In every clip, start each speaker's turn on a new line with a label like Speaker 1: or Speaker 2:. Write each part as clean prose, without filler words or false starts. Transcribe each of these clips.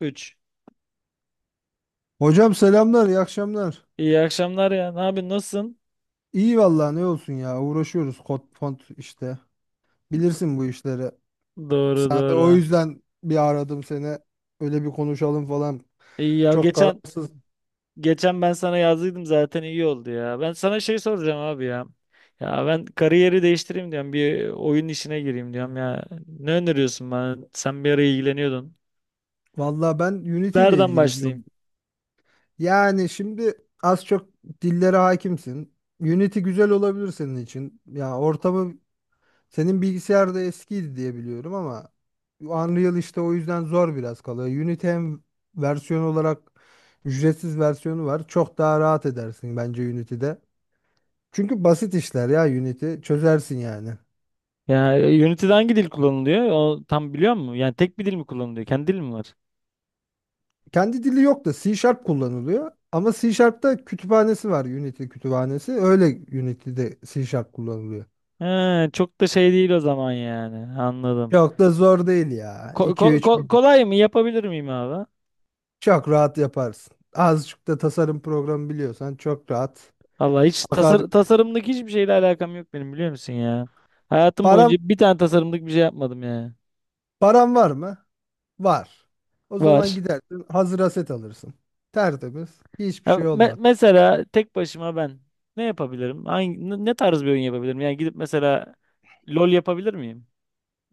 Speaker 1: 3.
Speaker 2: Hocam selamlar, iyi akşamlar.
Speaker 1: İyi akşamlar ya. Ne yapıyorsun? Nasılsın?
Speaker 2: İyi vallahi ne olsun ya, uğraşıyoruz kod font işte. Bilirsin bu işleri.
Speaker 1: Doğru
Speaker 2: Sen de o
Speaker 1: doğru.
Speaker 2: yüzden bir aradım seni. Öyle bir konuşalım falan.
Speaker 1: İyi ya
Speaker 2: Çok
Speaker 1: geçen
Speaker 2: kararsız.
Speaker 1: geçen ben sana yazdıydım zaten iyi oldu ya. Ben sana şey soracağım abi ya. Ya ben kariyeri değiştireyim diyorum. Bir oyun işine gireyim diyorum ya. Ne öneriyorsun bana? Sen bir ara ilgileniyordun.
Speaker 2: Vallahi ben Unity ile
Speaker 1: Nereden başlayayım?
Speaker 2: ilgileniyorum. Yani şimdi az çok dillere hakimsin. Unity güzel olabilir senin için. Ya ortamı, senin bilgisayar da eskiydi diye biliyorum ama Unreal işte o yüzden zor biraz kalıyor. Unity hem versiyon olarak ücretsiz versiyonu var. Çok daha rahat edersin bence Unity'de. Çünkü basit işler ya, Unity çözersin yani.
Speaker 1: Ya Unity'de hangi dil kullanılıyor? O tam biliyor musun? Yani tek bir dil mi kullanılıyor? Kendi dil mi var?
Speaker 2: Kendi dili yok da C Sharp kullanılıyor. Ama C Sharp'ta kütüphanesi var, Unity kütüphanesi. Öyle Unity'de C Sharp kullanılıyor.
Speaker 1: He, çok da şey değil o zaman yani. Anladım.
Speaker 2: Çok da zor değil ya.
Speaker 1: Ko- ko-
Speaker 2: 2-3
Speaker 1: ko- kolay mı? Yapabilir miyim abi?
Speaker 2: çok rahat yaparsın. Azıcık da tasarım programı biliyorsan çok rahat.
Speaker 1: Vallahi hiç
Speaker 2: Akar,
Speaker 1: tasarımlık hiçbir şeyle alakam yok benim biliyor musun ya? Hayatım
Speaker 2: para.
Speaker 1: boyunca bir tane tasarımlık bir şey yapmadım ya.
Speaker 2: Paran var mı? Var. O zaman
Speaker 1: Var.
Speaker 2: gidersin hazır aset alırsın. Tertemiz. Hiçbir
Speaker 1: Ya
Speaker 2: şey olmaz.
Speaker 1: mesela tek başıma ben ne yapabilirim? Ne tarz bir oyun yapabilirim? Yani gidip mesela LOL yapabilir miyim?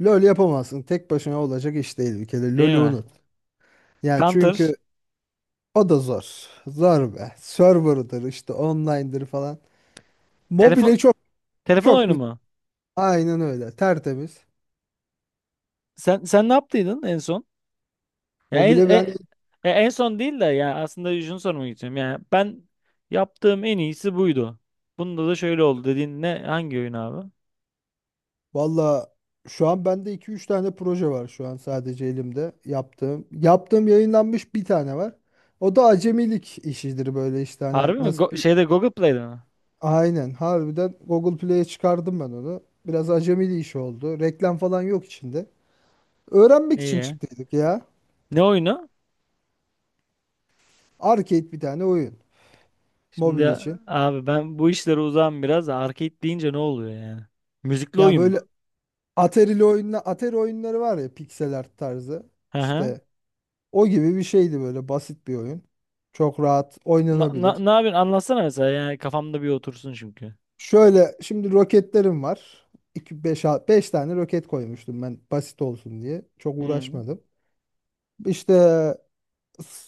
Speaker 2: LoL yapamazsın. Tek başına olacak iş değil bir kere.
Speaker 1: Değil
Speaker 2: LoL'ü
Speaker 1: mi?
Speaker 2: unut. Yani
Speaker 1: Counter.
Speaker 2: çünkü o da zor. Zor be. Server'dır işte, online'dır falan.
Speaker 1: Telefon
Speaker 2: Mobile çok
Speaker 1: telefon
Speaker 2: çok
Speaker 1: oyunu
Speaker 2: güzel.
Speaker 1: mu?
Speaker 2: Aynen öyle. Tertemiz.
Speaker 1: Sen ne yaptıydın en son? Ya
Speaker 2: Mobile ben,
Speaker 1: en son değil de ya aslında şunu sormak istiyorum. Yani ben yaptığım en iyisi buydu. Bunda da şöyle oldu dediğin ne hangi oyun abi?
Speaker 2: valla şu an bende 2-3 tane proje var şu an sadece elimde yaptığım. Yaptığım yayınlanmış bir tane var. O da acemilik işidir, böyle işte, hani
Speaker 1: Harbi mi?
Speaker 2: nasıl.
Speaker 1: Şeyde Google Play'de mi?
Speaker 2: Aynen, harbiden Google Play'e çıkardım ben onu. Biraz acemili iş oldu. Reklam falan yok içinde. Öğrenmek için
Speaker 1: İyi.
Speaker 2: çıktıydık ya.
Speaker 1: Ne oyunu?
Speaker 2: Arcade bir tane oyun. Mobil
Speaker 1: Şimdi
Speaker 2: için.
Speaker 1: abi ben bu işlere uzağım biraz. Arcade deyince ne oluyor yani? Müzikli
Speaker 2: Ya
Speaker 1: oyun mu?
Speaker 2: böyle Atari'li oyunla, Atari oyunları var ya, pixel art tarzı.
Speaker 1: Hı hı.
Speaker 2: İşte o gibi bir şeydi, böyle basit bir oyun. Çok rahat oynanabilir.
Speaker 1: Ne yapıyorsun? Anlatsana mesela. Yani kafamda bir otursun çünkü.
Speaker 2: Şöyle, şimdi roketlerim var. 2 5 5 tane roket koymuştum ben basit olsun diye. Çok
Speaker 1: Hı.
Speaker 2: uğraşmadım. İşte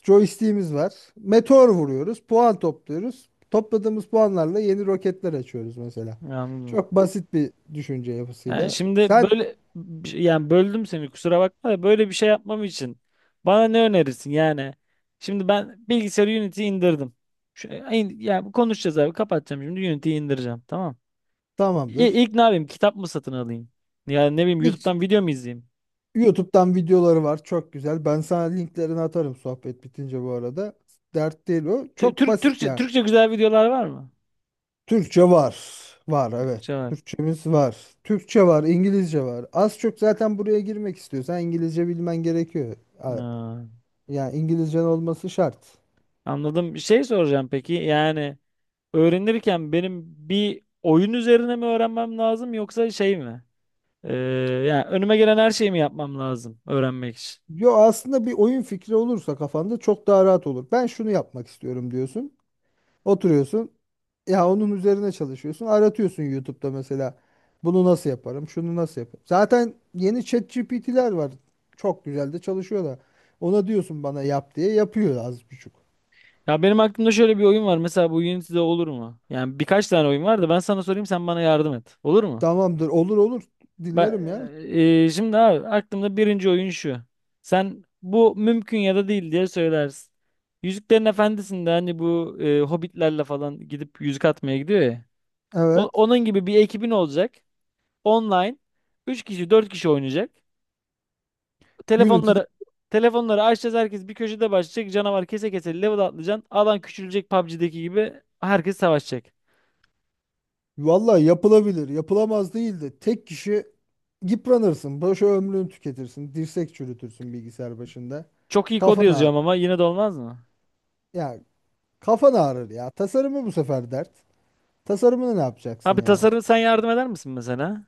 Speaker 2: Joystick'imiz var. Meteor vuruyoruz. Puan topluyoruz. Topladığımız puanlarla yeni roketler açıyoruz mesela.
Speaker 1: Anladım.
Speaker 2: Çok basit bir düşünce
Speaker 1: Yani
Speaker 2: yapısıyla.
Speaker 1: şimdi
Speaker 2: Sen
Speaker 1: böyle yani böldüm seni kusura bakma da böyle bir şey yapmam için bana ne önerirsin yani? Şimdi ben bilgisayarı Unity'yi indirdim. Yani konuşacağız abi kapatacağım şimdi Unity'yi indireceğim tamam. İ-
Speaker 2: tamamdır.
Speaker 1: İlk ne yapayım? Kitap mı satın alayım? Yani ne bileyim
Speaker 2: Hiç
Speaker 1: YouTube'dan video mu izleyeyim?
Speaker 2: YouTube'dan videoları var. Çok güzel. Ben sana linklerini atarım sohbet bitince bu arada. Dert değil o.
Speaker 1: Tü-
Speaker 2: Çok
Speaker 1: Tür-
Speaker 2: basit
Speaker 1: Türkçe
Speaker 2: yani.
Speaker 1: Türkçe güzel videolar var mı?
Speaker 2: Türkçe var. Var, evet.
Speaker 1: Türkçe var.
Speaker 2: Türkçemiz var. Türkçe var, İngilizce var. Az çok zaten buraya girmek istiyorsan İngilizce bilmen gerekiyor. A-
Speaker 1: Ha,
Speaker 2: Yani İngilizcen olması şart.
Speaker 1: anladım. Bir şey soracağım peki. Yani öğrenirken benim bir oyun üzerine mi öğrenmem lazım yoksa şey mi? Ee, yani önüme gelen her şeyi mi yapmam lazım öğrenmek için?
Speaker 2: Yo, aslında bir oyun fikri olursa kafanda çok daha rahat olur. Ben şunu yapmak istiyorum diyorsun. Oturuyorsun. Ya onun üzerine çalışıyorsun. Aratıyorsun YouTube'da mesela. Bunu nasıl yaparım? Şunu nasıl yaparım? Zaten yeni ChatGPT'ler var. Çok güzel de çalışıyorlar. Ona diyorsun bana yap diye, yapıyor az buçuk.
Speaker 1: Ya benim aklımda şöyle bir oyun var. Mesela bu Unity'de olur mu? Yani birkaç tane oyun var da ben sana sorayım sen bana yardım et. Olur mu?
Speaker 2: Tamamdır, olur olur,
Speaker 1: Ba-
Speaker 2: dinlerim ya.
Speaker 1: şimdi abi aklımda birinci oyun şu. Sen bu mümkün ya da değil diye söylersin. Yüzüklerin Efendisi'nde hani bu hobbitlerle falan gidip yüzük atmaya gidiyor ya. O-
Speaker 2: Evet.
Speaker 1: onun gibi bir ekibin olacak. Online. Üç kişi 4 kişi oynayacak.
Speaker 2: Unity'de
Speaker 1: Telefonları telefonları açacağız herkes bir köşede başlayacak. Canavar kese kese level atlayacaksın. Alan küçülecek PUBG'deki gibi herkes savaşacak.
Speaker 2: vallahi yapılabilir, yapılamaz değil de tek kişi yıpranırsın, boşa ömrünü tüketirsin, dirsek çürütürsün bilgisayar başında.
Speaker 1: Çok iyi kod
Speaker 2: Kafan ağrır.
Speaker 1: yazıyorum ama yine de olmaz mı?
Speaker 2: Ya kafan ağrır ya. Tasarımı bu sefer dert. Tasarımını ne yapacaksın
Speaker 1: Abi
Speaker 2: ya?
Speaker 1: tasarım sen yardım eder misin mesela?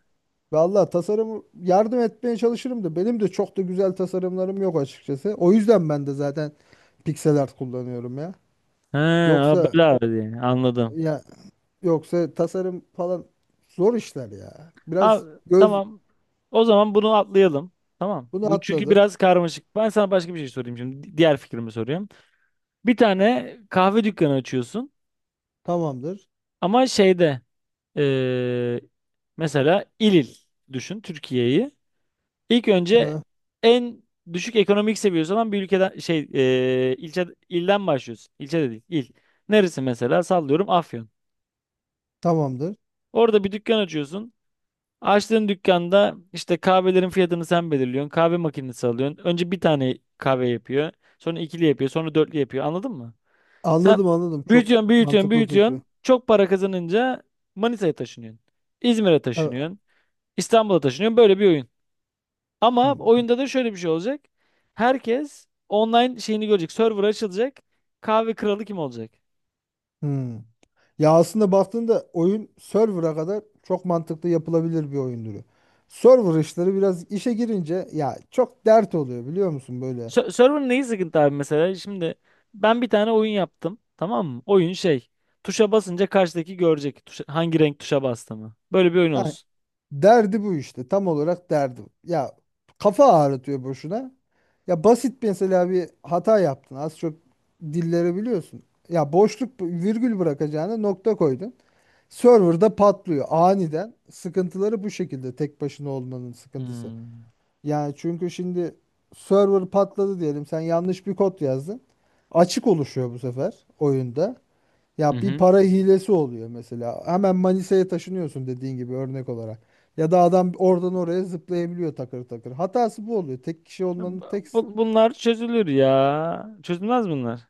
Speaker 2: Vallahi tasarımı yardım etmeye çalışırım da benim de çok da güzel tasarımlarım yok açıkçası. O yüzden ben de zaten pixel art kullanıyorum ya.
Speaker 1: He, o
Speaker 2: Yoksa
Speaker 1: bela diye. Anladım.
Speaker 2: ya, yoksa tasarım falan zor işler ya. Biraz
Speaker 1: Abi,
Speaker 2: göz.
Speaker 1: tamam. O zaman bunu atlayalım. Tamam.
Speaker 2: Bunu
Speaker 1: Bu çünkü
Speaker 2: atladık.
Speaker 1: biraz karmaşık. Ben sana başka bir şey sorayım şimdi. Diğer fikrimi soruyorum. Bir tane kahve dükkanı açıyorsun
Speaker 2: Tamamdır.
Speaker 1: ama şeyde eee, mesela il il düşün Türkiye'yi. İlk önce
Speaker 2: Evet.
Speaker 1: en düşük ekonomik seviyesi olan bir ülkeden ilçe ilden başlıyorsun. İlçe de değil, il. Neresi mesela? Sallıyorum Afyon.
Speaker 2: Tamamdır.
Speaker 1: Orada bir dükkan açıyorsun. Açtığın dükkanda işte kahvelerin fiyatını sen belirliyorsun. Kahve makinesi alıyorsun. Önce bir tane kahve yapıyor. Sonra ikili yapıyor. Sonra dörtlü yapıyor. Anladın mı? Sen
Speaker 2: Anladım, anladım. Çok
Speaker 1: büyütüyorsun, büyütüyorsun,
Speaker 2: mantıklı fikri.
Speaker 1: büyütüyorsun. Çok para kazanınca Manisa'ya taşınıyorsun. İzmir'e
Speaker 2: Evet.
Speaker 1: taşınıyorsun. İstanbul'a taşınıyorsun. Böyle bir oyun. Ama
Speaker 2: Hmm.
Speaker 1: oyunda da şöyle bir şey olacak. Herkes online şeyini görecek. Server açılacak. Kahve kralı kim olacak?
Speaker 2: Hmm. Ya aslında baktığında oyun server'a kadar çok mantıklı yapılabilir bir oyun türü. Server işleri biraz işe girince ya çok dert oluyor, biliyor musun böyle.
Speaker 1: Server'ın neyi sıkıntı abi mesela? Şimdi ben bir tane oyun yaptım. Tamam mı? Oyun şey. Tuşa basınca karşıdaki görecek. Hangi renk tuşa bastığımı. Böyle bir oyun olsun.
Speaker 2: Derdi bu işte. Tam olarak derdi bu. Ya kafa ağrıtıyor boşuna. Ya basit mesela bir hata yaptın. Az çok dilleri biliyorsun. Ya boşluk virgül bırakacağına nokta koydun. Server'da patlıyor aniden. Sıkıntıları bu şekilde, tek başına olmanın sıkıntısı.
Speaker 1: Hmm.
Speaker 2: Yani çünkü şimdi server patladı diyelim. Sen yanlış bir kod yazdın. Açık oluşuyor bu sefer oyunda.
Speaker 1: Hı
Speaker 2: Ya bir
Speaker 1: hı.
Speaker 2: para hilesi oluyor mesela. Hemen Manisa'ya taşınıyorsun dediğin gibi örnek olarak. Ya da adam oradan oraya zıplayabiliyor takır takır. Hatası bu oluyor. Tek kişi olmanın tek.
Speaker 1: Bunlar çözülür ya. Çözülmez bunlar.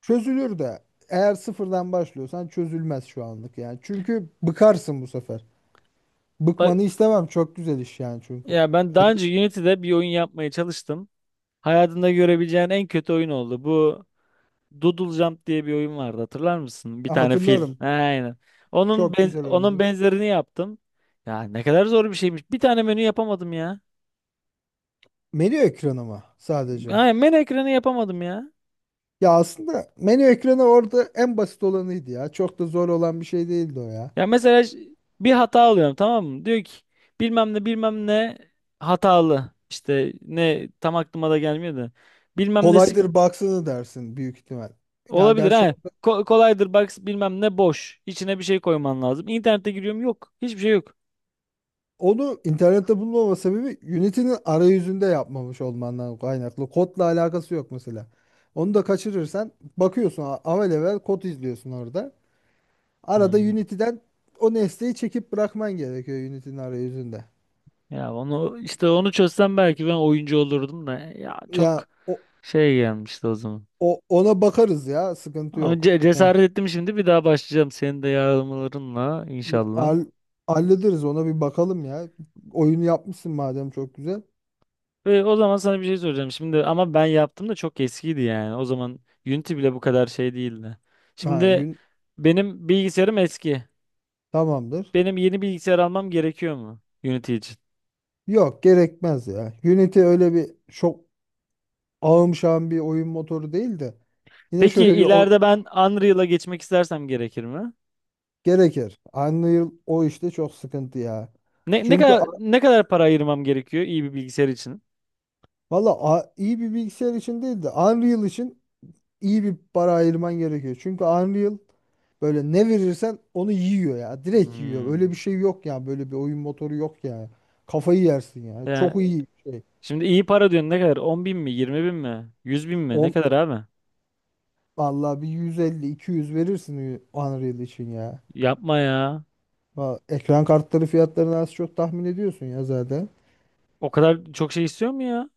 Speaker 2: Çözülür de, eğer sıfırdan başlıyorsan çözülmez şu anlık yani. Çünkü bıkarsın bu sefer. Bıkmanı
Speaker 1: Bak
Speaker 2: istemem. Çok güzel iş yani çünkü.
Speaker 1: ya ben daha
Speaker 2: Evet,
Speaker 1: önce Unity'de bir oyun yapmaya çalıştım. Hayatında görebileceğin en kötü oyun oldu. Bu Doodle Jump diye bir oyun vardı hatırlar mısın? Bir tane fil.
Speaker 2: hatırlarım.
Speaker 1: Aynen. Onun
Speaker 2: Çok
Speaker 1: benz-
Speaker 2: güzel
Speaker 1: onun
Speaker 2: oyundu.
Speaker 1: benzerini yaptım. Ya ne kadar zor bir şeymiş. Bir tane menü yapamadım ya.
Speaker 2: Menü ekranı mı sadece?
Speaker 1: Aynen menü ekranı yapamadım ya.
Speaker 2: Ya aslında menü ekranı orada en basit olanıydı ya. Çok da zor olan bir şey değildi o ya.
Speaker 1: Ya mesela bir hata alıyorum tamam mı? Diyor ki bilmem ne bilmem ne hatalı. İşte ne tam aklıma da gelmiyor da. Bilmem nesi
Speaker 2: Kolaydır, baksana, dersin büyük ihtimal. Ya
Speaker 1: olabilir
Speaker 2: gerçi
Speaker 1: ha.
Speaker 2: o,
Speaker 1: Kolaydır bak bilmem ne boş. İçine bir şey koyman lazım. İnternete giriyorum yok. Hiçbir şey yok.
Speaker 2: onu internette bulmama sebebi Unity'nin arayüzünde yapmamış olmandan kaynaklı. Kodla alakası yok mesela. Onu da kaçırırsan bakıyorsun, avelevel kod izliyorsun orada. Arada
Speaker 1: Hmm.
Speaker 2: Unity'den o nesneyi çekip bırakman gerekiyor Unity'nin arayüzünde.
Speaker 1: Ya onu işte onu çözsem belki ben oyuncu olurdum da ya
Speaker 2: Ya
Speaker 1: çok
Speaker 2: o,
Speaker 1: şey gelmişti o zaman.
Speaker 2: o ona bakarız ya, sıkıntı
Speaker 1: Ama
Speaker 2: yok. Ya,
Speaker 1: cesaret ettim şimdi bir daha başlayacağım senin de yardımlarınla inşallah.
Speaker 2: hall- hallederiz, ona bir bakalım ya. Oyunu yapmışsın madem, çok güzel.
Speaker 1: Ve o zaman sana bir şey soracağım. Şimdi ama ben yaptım da çok eskiydi yani. O zaman Unity bile bu kadar şey değildi.
Speaker 2: Ha,
Speaker 1: Şimdi
Speaker 2: yün,
Speaker 1: benim bilgisayarım eski.
Speaker 2: tamamdır.
Speaker 1: Benim yeni bilgisayar almam gerekiyor mu Unity için?
Speaker 2: Yok, gerekmez ya. Unity öyle bir çok ağım şağım bir oyun motoru değil de yine
Speaker 1: Peki
Speaker 2: şöyle bir o.
Speaker 1: ileride ben Unreal'a geçmek istersem gerekir mi?
Speaker 2: Gerekir. Unreal o işte çok sıkıntı ya.
Speaker 1: Ne, ne
Speaker 2: Çünkü
Speaker 1: kadar ne kadar para ayırmam gerekiyor iyi bir bilgisayar için?
Speaker 2: valla, iyi bir bilgisayar için değil de Unreal için iyi bir para ayırman gerekiyor. Çünkü Unreal böyle ne verirsen onu yiyor ya. Direkt yiyor. Öyle
Speaker 1: Hmm.
Speaker 2: bir şey yok ya. Böyle bir oyun motoru yok ya. Kafayı yersin ya.
Speaker 1: Ya,
Speaker 2: Çok iyi bir şey.
Speaker 1: şimdi iyi para diyorsun ne kadar? 10.000 mi? 20.000 mi? 100.000 mi? Ne
Speaker 2: On,
Speaker 1: kadar abi?
Speaker 2: vallahi bir 150-200 verirsin Unreal için ya.
Speaker 1: Yapma ya.
Speaker 2: Ekran kartları fiyatlarını az çok tahmin ediyorsun ya zaten.
Speaker 1: O kadar çok şey istiyor mu ya?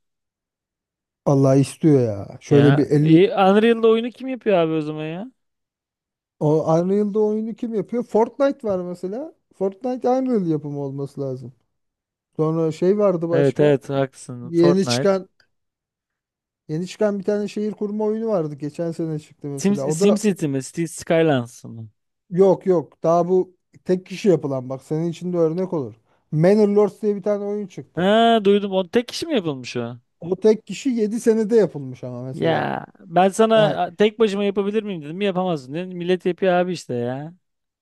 Speaker 2: Allah istiyor ya. Şöyle
Speaker 1: Ya
Speaker 2: bir 50,
Speaker 1: iyi, Unreal'da oyunu kim yapıyor abi o zaman ya?
Speaker 2: o Unreal'da oyunu kim yapıyor? Fortnite var mesela. Fortnite Unreal yapımı olması lazım. Sonra şey vardı
Speaker 1: Evet
Speaker 2: başka.
Speaker 1: evet haklısın.
Speaker 2: Yeni
Speaker 1: Fortnite.
Speaker 2: çıkan yeni çıkan bir tane şehir kurma oyunu vardı. Geçen sene çıktı mesela. O da
Speaker 1: SimCity mi? City Skylines mı?
Speaker 2: yok yok. Daha bu tek kişi yapılan, bak, senin için de örnek olur. Manor Lords diye bir tane oyun çıktı.
Speaker 1: Ha duydum. O tek kişi mi yapılmış o?
Speaker 2: O tek kişi 7 senede yapılmış ama mesela.
Speaker 1: Ya ben
Speaker 2: Yani
Speaker 1: sana tek başıma yapabilir miyim dedim. Yapamazsın dedim. Millet yapıyor abi işte ya.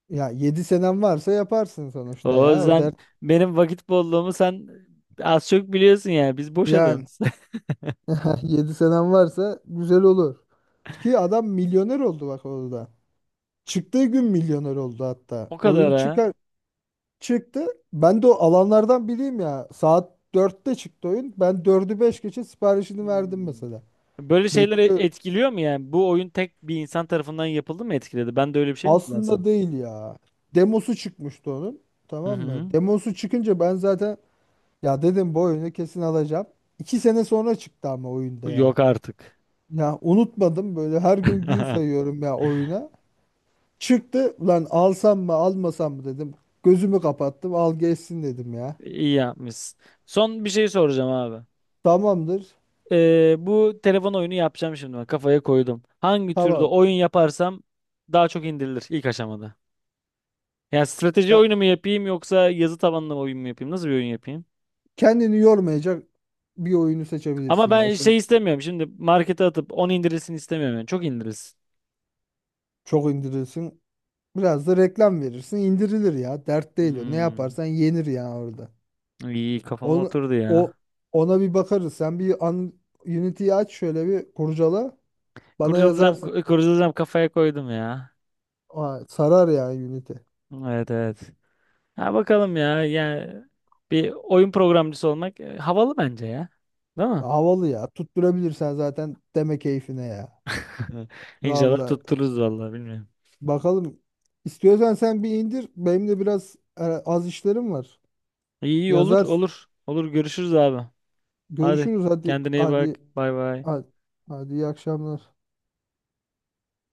Speaker 2: ya 7 senem varsa yaparsın sonuçta
Speaker 1: O
Speaker 2: ya. O
Speaker 1: yüzden
Speaker 2: dert
Speaker 1: benim vakit bolluğumu sen az çok biliyorsun yani. Biz boş
Speaker 2: yani.
Speaker 1: adamız.
Speaker 2: 7 senem varsa güzel olur. Ki adam milyoner oldu bak orada. Çıktığı gün milyoner oldu hatta.
Speaker 1: O
Speaker 2: Oyun
Speaker 1: kadar ha.
Speaker 2: çıkar çıktı. Ben de o alanlardan biriyim ya. Saat 4'te çıktı oyun. Ben dördü 5 geçe siparişini verdim
Speaker 1: Hmm.
Speaker 2: mesela.
Speaker 1: Böyle şeyler
Speaker 2: Bekliyorum.
Speaker 1: etkiliyor mu yani? Bu oyun tek bir insan tarafından yapıldı mı etkiledi? Ben de öyle bir şey mi kullansam?
Speaker 2: Aslında değil ya. Demosu çıkmıştı onun.
Speaker 1: Hı
Speaker 2: Tamam mı?
Speaker 1: hı.
Speaker 2: Demosu çıkınca ben zaten, ya dedim, bu oyunu kesin alacağım. 2 sene sonra çıktı ama oyunda ya.
Speaker 1: Yok artık.
Speaker 2: Ya unutmadım, böyle her gün gün sayıyorum ya oyuna. Çıktı lan, alsam mı almasam mı dedim. Gözümü kapattım, al geçsin dedim ya.
Speaker 1: İyi yapmışsın. Son bir şey soracağım abi.
Speaker 2: Tamamdır.
Speaker 1: Bu telefon oyunu yapacağım şimdi. Ben kafaya koydum. Hangi türde
Speaker 2: Tamam.
Speaker 1: oyun yaparsam daha çok indirilir ilk aşamada. Yani strateji
Speaker 2: Ya
Speaker 1: oyunu mu yapayım yoksa yazı tabanlı oyun mu yapayım? Nasıl bir oyun yapayım?
Speaker 2: kendini yormayacak bir oyunu
Speaker 1: Ama
Speaker 2: seçebilirsin ya.
Speaker 1: ben
Speaker 2: Şöyle
Speaker 1: şey istemiyorum. Şimdi markete atıp 10 indirilsin istemiyorum. Yani. Çok indirilsin.
Speaker 2: çok indirirsin. Biraz da reklam verirsin, indirilir ya. Dert değil o. Ne
Speaker 1: Hmm.
Speaker 2: yaparsan yenir ya orada.
Speaker 1: İyi kafama
Speaker 2: Onu,
Speaker 1: oturdu
Speaker 2: o
Speaker 1: ya.
Speaker 2: ona bir bakarız. Sen bir an, Unity'yi aç, şöyle bir kurcala. Bana
Speaker 1: Kurcalayacağım,
Speaker 2: yazarsın.
Speaker 1: ku- kurcalayacağım kafaya koydum ya.
Speaker 2: Aa, sarar yani Unity.
Speaker 1: Evet evet. Ha bakalım ya. Yani bir oyun programcısı olmak havalı bence ya. Değil mi?
Speaker 2: Havalı ya. Tutturabilirsen zaten deme keyfine ya.
Speaker 1: İnşallah
Speaker 2: Vallahi
Speaker 1: tuttururuz vallahi bilmiyorum.
Speaker 2: bakalım. İstiyorsan sen bir indir. Benim de biraz az işlerim var.
Speaker 1: İyi iyi olur
Speaker 2: Yazarsın.
Speaker 1: olur. Olur görüşürüz abi. Hadi
Speaker 2: Görüşürüz, hadi
Speaker 1: kendine iyi bak.
Speaker 2: hadi,
Speaker 1: Bay bay.
Speaker 2: hadi, hadi, iyi akşamlar.